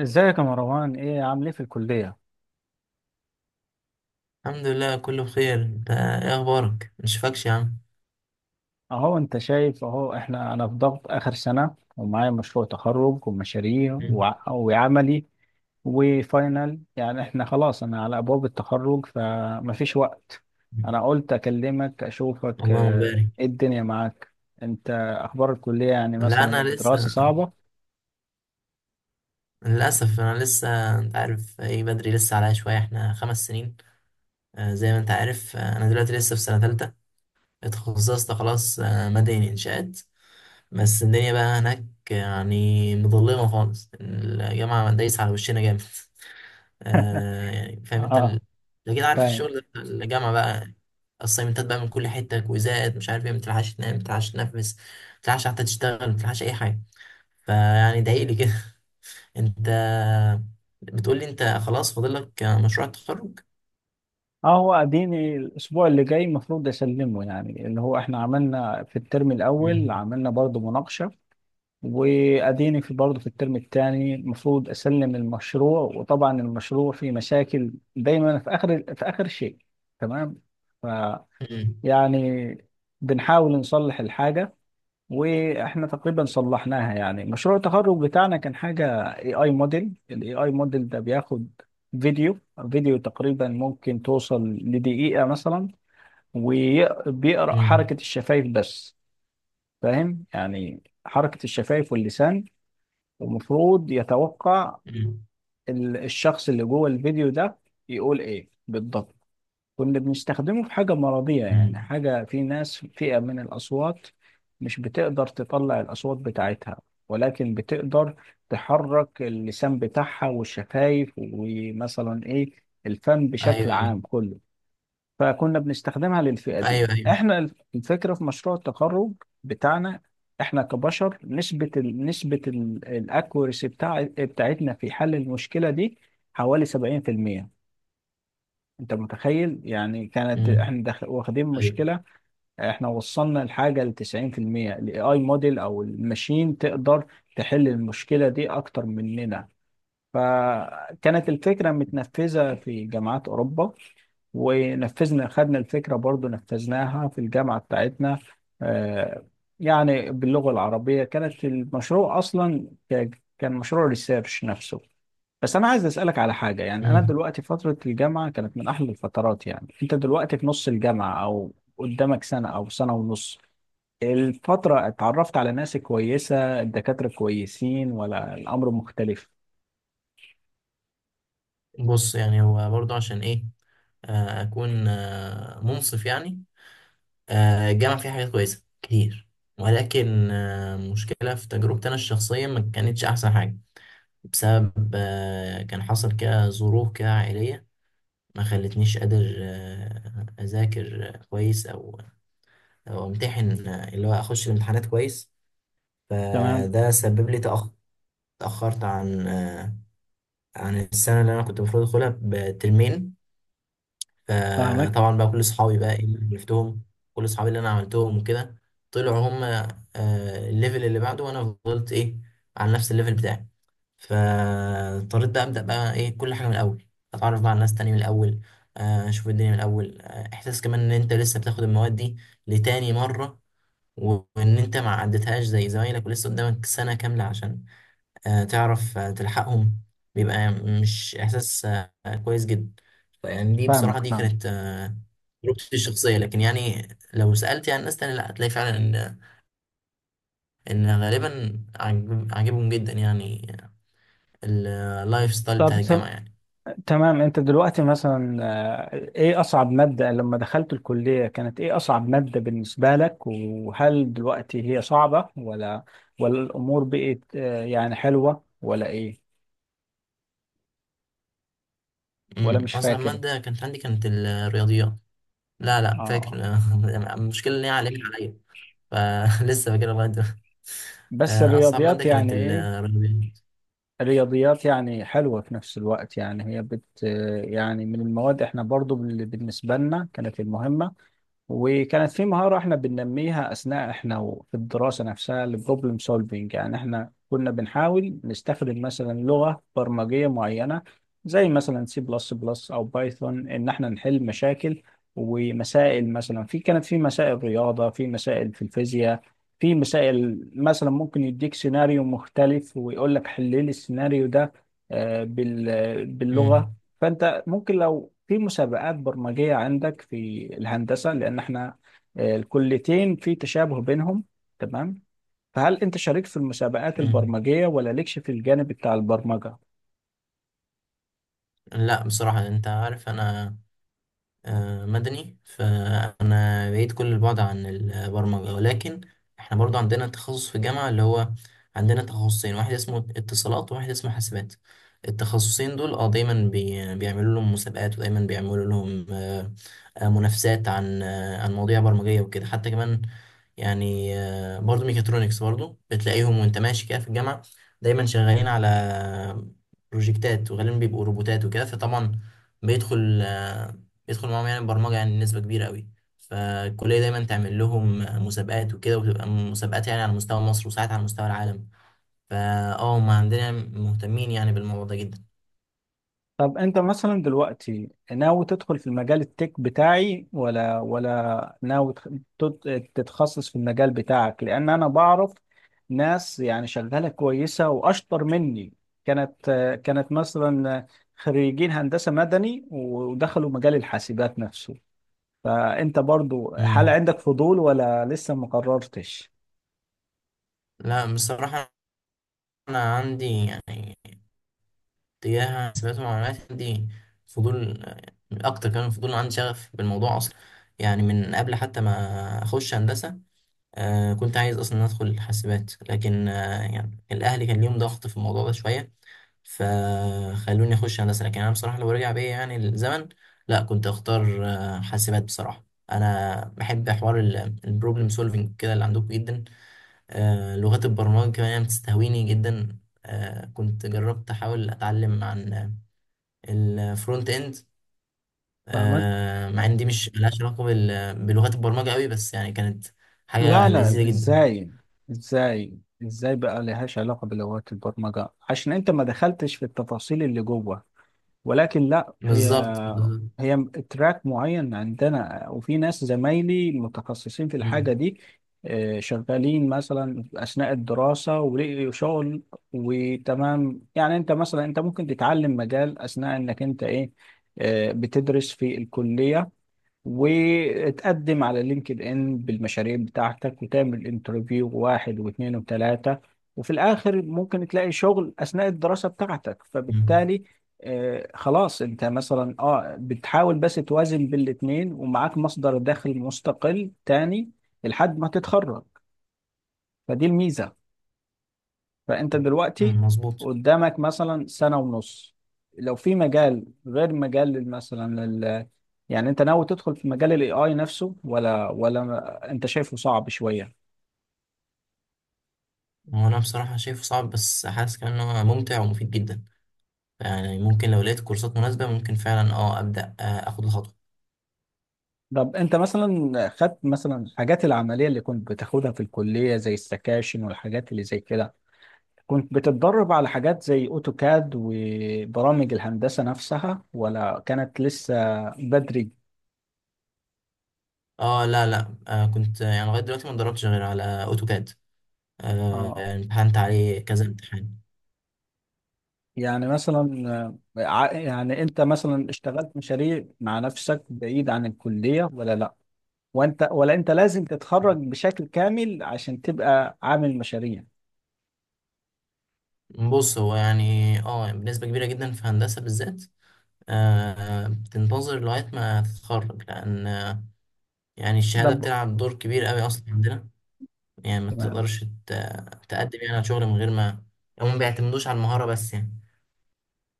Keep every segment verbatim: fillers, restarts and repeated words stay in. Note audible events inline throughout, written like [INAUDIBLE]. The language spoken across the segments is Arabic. ازيك يا مروان؟ ايه عامل ايه في الكلية؟ الحمد لله، كله بخير. انت ايه اخبارك؟ مشفكش يا عم. اهو انت شايف اهو، احنا انا في ضغط اخر سنة ومعايا مشروع تخرج ومشاريع مم. وع- وعملي وفاينل. يعني احنا خلاص، انا على ابواب التخرج فمفيش وقت. انا قلت اكلمك اشوفك. اللهم آه، بارك. ايه الدنيا معاك انت؟ اخبار الكلية، يعني لا، مثلا انا الدراسة لسه. صعبة؟ للاسف انا لسه، انت عارف، ايه، بدري، لسه عليا شويه. احنا خمس سنين. آه، زي ما انت عارف، آه، انا دلوقتي لسه في سنه ثالثه. اتخصصت خلاص، آه، مدني انشاءات. بس الدنيا بقى هناك، يعني مظلمه خالص، الجامعه دايسه على وشنا جامد. [LAUGHS] آه يعني فاهم انت اه، ال- انت كده عارف فاهم. الشغل ده بتاع الجامعه بقى. الصيمنتات بقى من كل حته، كويزات، مش عارف ايه، ما بتلحقش تنام، ما بتلحقش تنفس، ما بتلحقش حتى تشتغل، ما بتلحقش اي حاجه. فيعني ضايقلي كده. [LAUGHS] انت بتقول لي انت خلاص فاضل لك مشروع التخرج؟ اه، هو اديني الاسبوع اللي جاي المفروض اسلمه، يعني اللي هو احنا عملنا في الترم الاول مم. عملنا برضو مناقشة، واديني في برضه في الترم الثاني المفروض اسلم المشروع. وطبعا المشروع فيه مشاكل دايما في اخر في اخر شيء. تمام. ف امم، يعني بنحاول نصلح الحاجه، واحنا تقريبا صلحناها. يعني مشروع التخرج بتاعنا كان حاجه اي اي موديل. الاي اي موديل ده بياخد فيديو، فيديو تقريبا ممكن توصل لدقيقه مثلا، وبيقرا امم. حركه الشفايف بس. فاهم، يعني حركه الشفايف واللسان، ومفروض يتوقع مم. ال- الشخص اللي جوه الفيديو ده يقول ايه بالضبط. كنا بنستخدمه في حاجة مرضية، يعني مم. حاجة في ناس، فئة من الأصوات مش بتقدر تطلع الأصوات بتاعتها، ولكن بتقدر تحرك اللسان بتاعها والشفايف، ومثلا ايه، الفم بشكل ايوه، ايوه، عام كله. فكنا بنستخدمها للفئة ايوه، دي. ايوه. احنا الف- الفكرة في مشروع التخرج بتاعنا، احنا كبشر نسبة ال نسبة الاكوريسي بتاع بتاعتنا في حل المشكلة دي حوالي سبعين في المية. انت متخيل؟ يعني كانت امم، احنا داخل واخدين ايوه، مشكلة، احنا وصلنا الحاجة ل تسعين في المية. الاي اي موديل او الماشين تقدر تحل المشكلة دي اكتر مننا. فكانت الفكرة متنفذة في جامعات أوروبا، ونفذنا، خدنا الفكرة برضو نفذناها في الجامعة بتاعتنا. آه، يعني باللغة العربية كانت المشروع أصلا ك- كان مشروع ريسيرش نفسه. بس أنا عايز أسألك على حاجة. يعني أنا امم. دلوقتي فترة الجامعة كانت من أحلى الفترات. يعني أنت دلوقتي في نص الجامعة، أو قدامك سنة أو سنة ونص الفترة، اتعرفت على ناس كويسة؟ الدكاترة كويسين ولا الأمر مختلف؟ بص، يعني هو برضه عشان ايه، آه، اكون آه، منصف يعني. آه، الجامعة فيها حاجات كويسة كتير، ولكن آه، مشكلة في تجربتي أنا الشخصية ما كانتش أحسن حاجة. بسبب آه، كان حصل كده ظروف كده عائلية، ما خلتنيش قادر آه، أذاكر آه، كويس، أو أو أمتحن، آه، اللي هو أخش الامتحانات كويس. تمام. فده سبب لي، تأخ- تأخرت عن آه، عن السنة اللي أنا كنت المفروض أدخلها بترمين. آه فاهمك طبعا بقى، كل صحابي بقى، ايه، اللي عرفتهم، كل صحابي اللي انا عملتهم وكده، طلعوا هم آه الليفل اللي بعده، وانا فضلت ايه، على نفس الليفل بتاعي. فاضطريت بقى ابدا بقى ايه، كل حاجه من الاول، اتعرف بقى على ناس تاني من الاول، آه، اشوف الدنيا من الاول. آه، احساس كمان ان انت لسه بتاخد المواد دي لتاني مره، وان انت ما عدتهاش زي زمايلك، ولسه قدامك سنه كامله عشان آه، تعرف آه، تلحقهم. بيبقى مش احساس آه، كويس جدا. يعني دي بصراحه فاهمك دي فاهم. كانت تجربتي الشخصية، لكن يعني لو سألت يعني ناس تانية، لا، هتلاقي فعلا إن إن غالبا عاجب- عاجبهم جدا يعني، اللايف ستايل طب بتاع الجامعة تم- يعني. تمام، انت دلوقتي مثلا، آه، ايه اصعب مادة لما دخلت الكلية؟ كانت ايه اصعب مادة بالنسبة لك؟ وهل دلوقتي هي صعبة ولا، ولا الامور بقت آه، يعني حلوة، ولا ايه؟ ولا أمم، مش أصعب فاكر؟ مادة كانت عندي كانت الرياضيات. لا، لا، فاكر. اه، [LAUGHS] المشكلة إن هي علمت عليا، فلسه [LAUGHS] فاكرها لغاية دلوقتي. [LAUGHS] بس آه، أصعب الرياضيات مادة كانت يعني ايه، الرياضيات. الرياضيات يعني حلوة في نفس الوقت. يعني هي بت آه، يعني من المواد احنا برضو بال- بالنسبة لنا كانت المهمة. وكانت في مهارة احنا بننميها أثناء احنا و- في الدراسة نفسها، البروبلم سولفينج. يعني احنا كنا بنحاول نستخدم مثلا لغة برمجية معينة زي مثلا سي بلس بلس أو بايثون، إن احنا نحل مشاكل ومسائل، مثلا في كانت في مسائل رياضة، في مسائل في الفيزياء، في مسائل مثلا ممكن يديك سيناريو مختلف ويقول لك حل لي السيناريو ده، آه، بال- باللغة. أمم. فانت ممكن لو في مسابقات برمجيه عندك في الهندسه، لان احنا آه، الكليتين في تشابه بينهم. تمام. فهل انت شاركت في المسابقات أمم. البرمجيه ولا لكش في الجانب بتاع البرمجه؟ لا، بصراحة أنت عارف أنا آه، مدني، فأنا بعيد كل البعد عن البرمجة. ولكن إحنا برضو عندنا تخصص في الجامعة، اللي هو عندنا تخصصين، واحد اسمه اتصالات، وواحد اسمه حاسبات. التخصصين دول اه دايما بي بيعملوا لهم مسابقات، ودايما بيعملوا لهم، آه، آه، منافسات عن آه، عن مواضيع برمجية وكده، حتى كمان يعني، آه، برضو ميكاترونكس برضو بتلاقيهم وانت ماشي كده في الجامعة، دايما شغالين على بروجكتات، وغالبا بيبقوا روبوتات وكده. فطبعا بيدخل آه، بيدخل معاهم يعني برمجة، يعني نسبة كبيرة قوي. فالكلية دايما تعمل لهم مسابقات وكده، وتبقى مسابقات يعني على مستوى مصر، وساعات على مستوى العالم. فا اه، هما عندنا مهتمين يعني بالموضوع ده جدا. طب انت مثلا دلوقتي ناوي تدخل في المجال التك بتاعي، ولا ولا ناوي تخ- تت- تتخصص في المجال بتاعك؟ لان انا بعرف ناس يعني شغالة كويسة واشطر مني، كانت كانت مثلا خريجين هندسة مدني ودخلوا مجال الحاسبات نفسه. فانت برضو هل مم. عندك فضول ولا لسه ما قررتش؟ لا بصراحة، أنا عندي يعني تجاه حسابات ومعلومات، عندي فضول أكتر. كمان فضول عندي، شغف بالموضوع أصلا، يعني من قبل حتى ما أخش هندسة. آه كنت عايز اصلا ادخل حاسبات، لكن آه يعني الاهل كان ليهم ضغط في الموضوع ده شويه، فخلوني اخش هندسه. لكن انا بصراحه لو رجع بيا يعني الزمن، لا، كنت اختار آه حاسبات بصراحه. انا بحب حوار البروبلم سولفنج كده اللي عندكم جدا. آه لغات البرمجه كمان يعني بتستهويني جدا. آه كنت جربت احاول اتعلم عن الفرونت اند، فاهمك. آه مع ان دي مش ملهاش علاقه بال- بلغات البرمجه قوي، بس يعني كانت لا حاجه لا، لذيذه جدا. ازاي، ازاي ازاي بقى لهاش علاقة بلغات البرمجة؟ عشان انت ما دخلتش في التفاصيل اللي جوه، ولكن لا، هي بالظبط، بالظبط. هي تراك معين عندنا، وفي ناس زمايلي متخصصين في مم. الحاجة دي، آه، شغالين مثلا أثناء الدراسة ولقوا شغل. وتمام، يعني انت مثلا انت ممكن تتعلم مجال أثناء انك انت ايه، آه، بتدرس في الكلية، وتقدم على لينكد ان بالمشاريع بتاعتك، وتعمل انترفيو واحد واثنين وثلاثة، وفي الاخر ممكن تلاقي شغل اثناء الدراسة بتاعتك. مم. فبالتالي آه خلاص، انت مثلا اه بتحاول بس توازن بين الاثنين، ومعاك مصدر دخل مستقل تاني لحد ما تتخرج. فدي الميزة. فانت دلوقتي مم. مظبوط. قدامك مثلا سنة ونص، لو في مجال غير مجال لل- مثلا لل... يعني انت ناوي تدخل في مجال الاي اي نفسه، ولا ولا انت شايفه صعب شوية؟ هو انا بصراحه شايفه صعب، بس حاسس كمان ان هو ممتع ومفيد جدا. يعني ممكن لو لقيت كورسات مناسبه، ممكن فعلا اه ابدا، آه، اخد الخطوه. طب انت مثلا خدت مثلا الحاجات العملية اللي كنت بتاخدها في الكلية زي السكاشن والحاجات اللي زي كده، كنت بتتدرب على حاجات زي اوتوكاد وبرامج الهندسة نفسها، ولا كانت لسه بدري؟ اه، لا، لا، آه كنت آه، يعني لغايه دلوقتي ما اتدربتش غير على اوتوكاد. آه اه. يعني امتحنت عليه كذا امتحان. يعني مثلا آه، ع- يعني انت مثلا اشتغلت مشاريع مع نفسك بعيد عن الكلية ولا لا؟ وانت ولا انت لازم تتخرج بشكل كامل عشان تبقى عامل مشاريع؟ بص، هو يعني اه بنسبة كبيرة جدا في هندسة بالذات. آه بتنتظر لغاية ما تتخرج، لأن آه، يعني الشهادة طب بتلعب دور كبير قوي أصلا عندنا. يعني ما تمام. تقدرش، ت- تقدم يعني على شغل من غير ما، هم ما بيعتمدوش على المهارة بس، يعني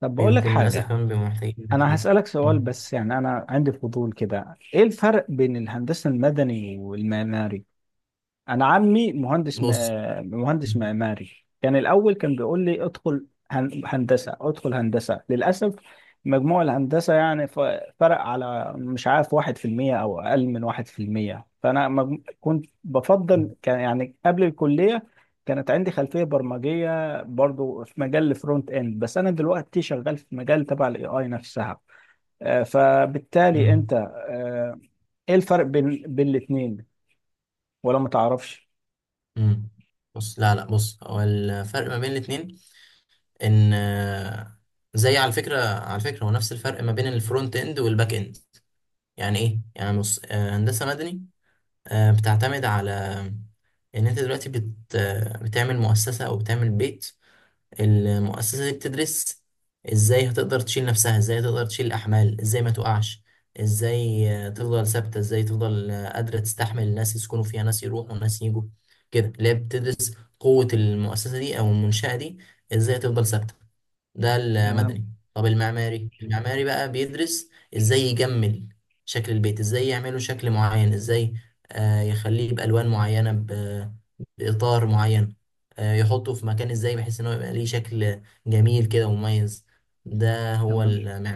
طب بقول لك بيكونوا للأسف حاجة، كمان بيبقوا محتاجين انا تدريب. هسألك سؤال، مم. بس يعني انا عندي فضول كده. ايه الفرق بين الهندسة المدني والمعماري؟ انا عمي مهندس م... بص. آه، مهندس مم. معماري. كان الاول كان بيقول لي ادخل هن... هندسه، ادخل هندسه. للاسف مجموع الهندسه يعني ف... فرق على مش عارف واحد في المية او اقل من واحد في المية. فانا مج... كنت بفضل، كان يعني قبل الكليه كانت عندي خلفيه برمجيه برضو في مجال الفرونت اند. بس انا دلوقتي شغال في مجال تبع الاي اي نفسها. آه، فبالتالي انت آه، ايه الفرق بين بين الاثنين؟ ولا ما تعرفش؟ مم. بص، لا، لا، بص، هو الفرق ما بين الاتنين ان آه، زي، على فكرة على فكرة، هو نفس الفرق ما بين الفرونت اند والباك اند. يعني ايه؟ يعني بص، آه، هندسة مدني آه، بتعتمد على ان انت دلوقتي بت آه، بتعمل مؤسسة او بتعمل بيت. المؤسسة دي بتدرس ازاي هتقدر تشيل نفسها، ازاي هتقدر تشيل الأحمال، ازاي ما تقعش، ازاي آه، تفضل ثابتة، ازاي تفضل آه، قادرة تستحمل الناس يسكنوا فيها، ناس يروحوا وناس يجوا كده. اللي هي بتدرس قوة المؤسسة دي أو المنشأة دي، ازاي تفضل ثابتة. ده تمام. المدني. طب المعماري المعماري بقى بيدرس ازاي يجمل شكل البيت، ازاي يعمله شكل معين، ازاي آه، يخليه بألوان معينة، ب- بإطار معين، آه، يحطه في مكان ازاي بحيث ان هو يبقى ليه شكل جميل كده ومميز. ده هو تمام المعمار.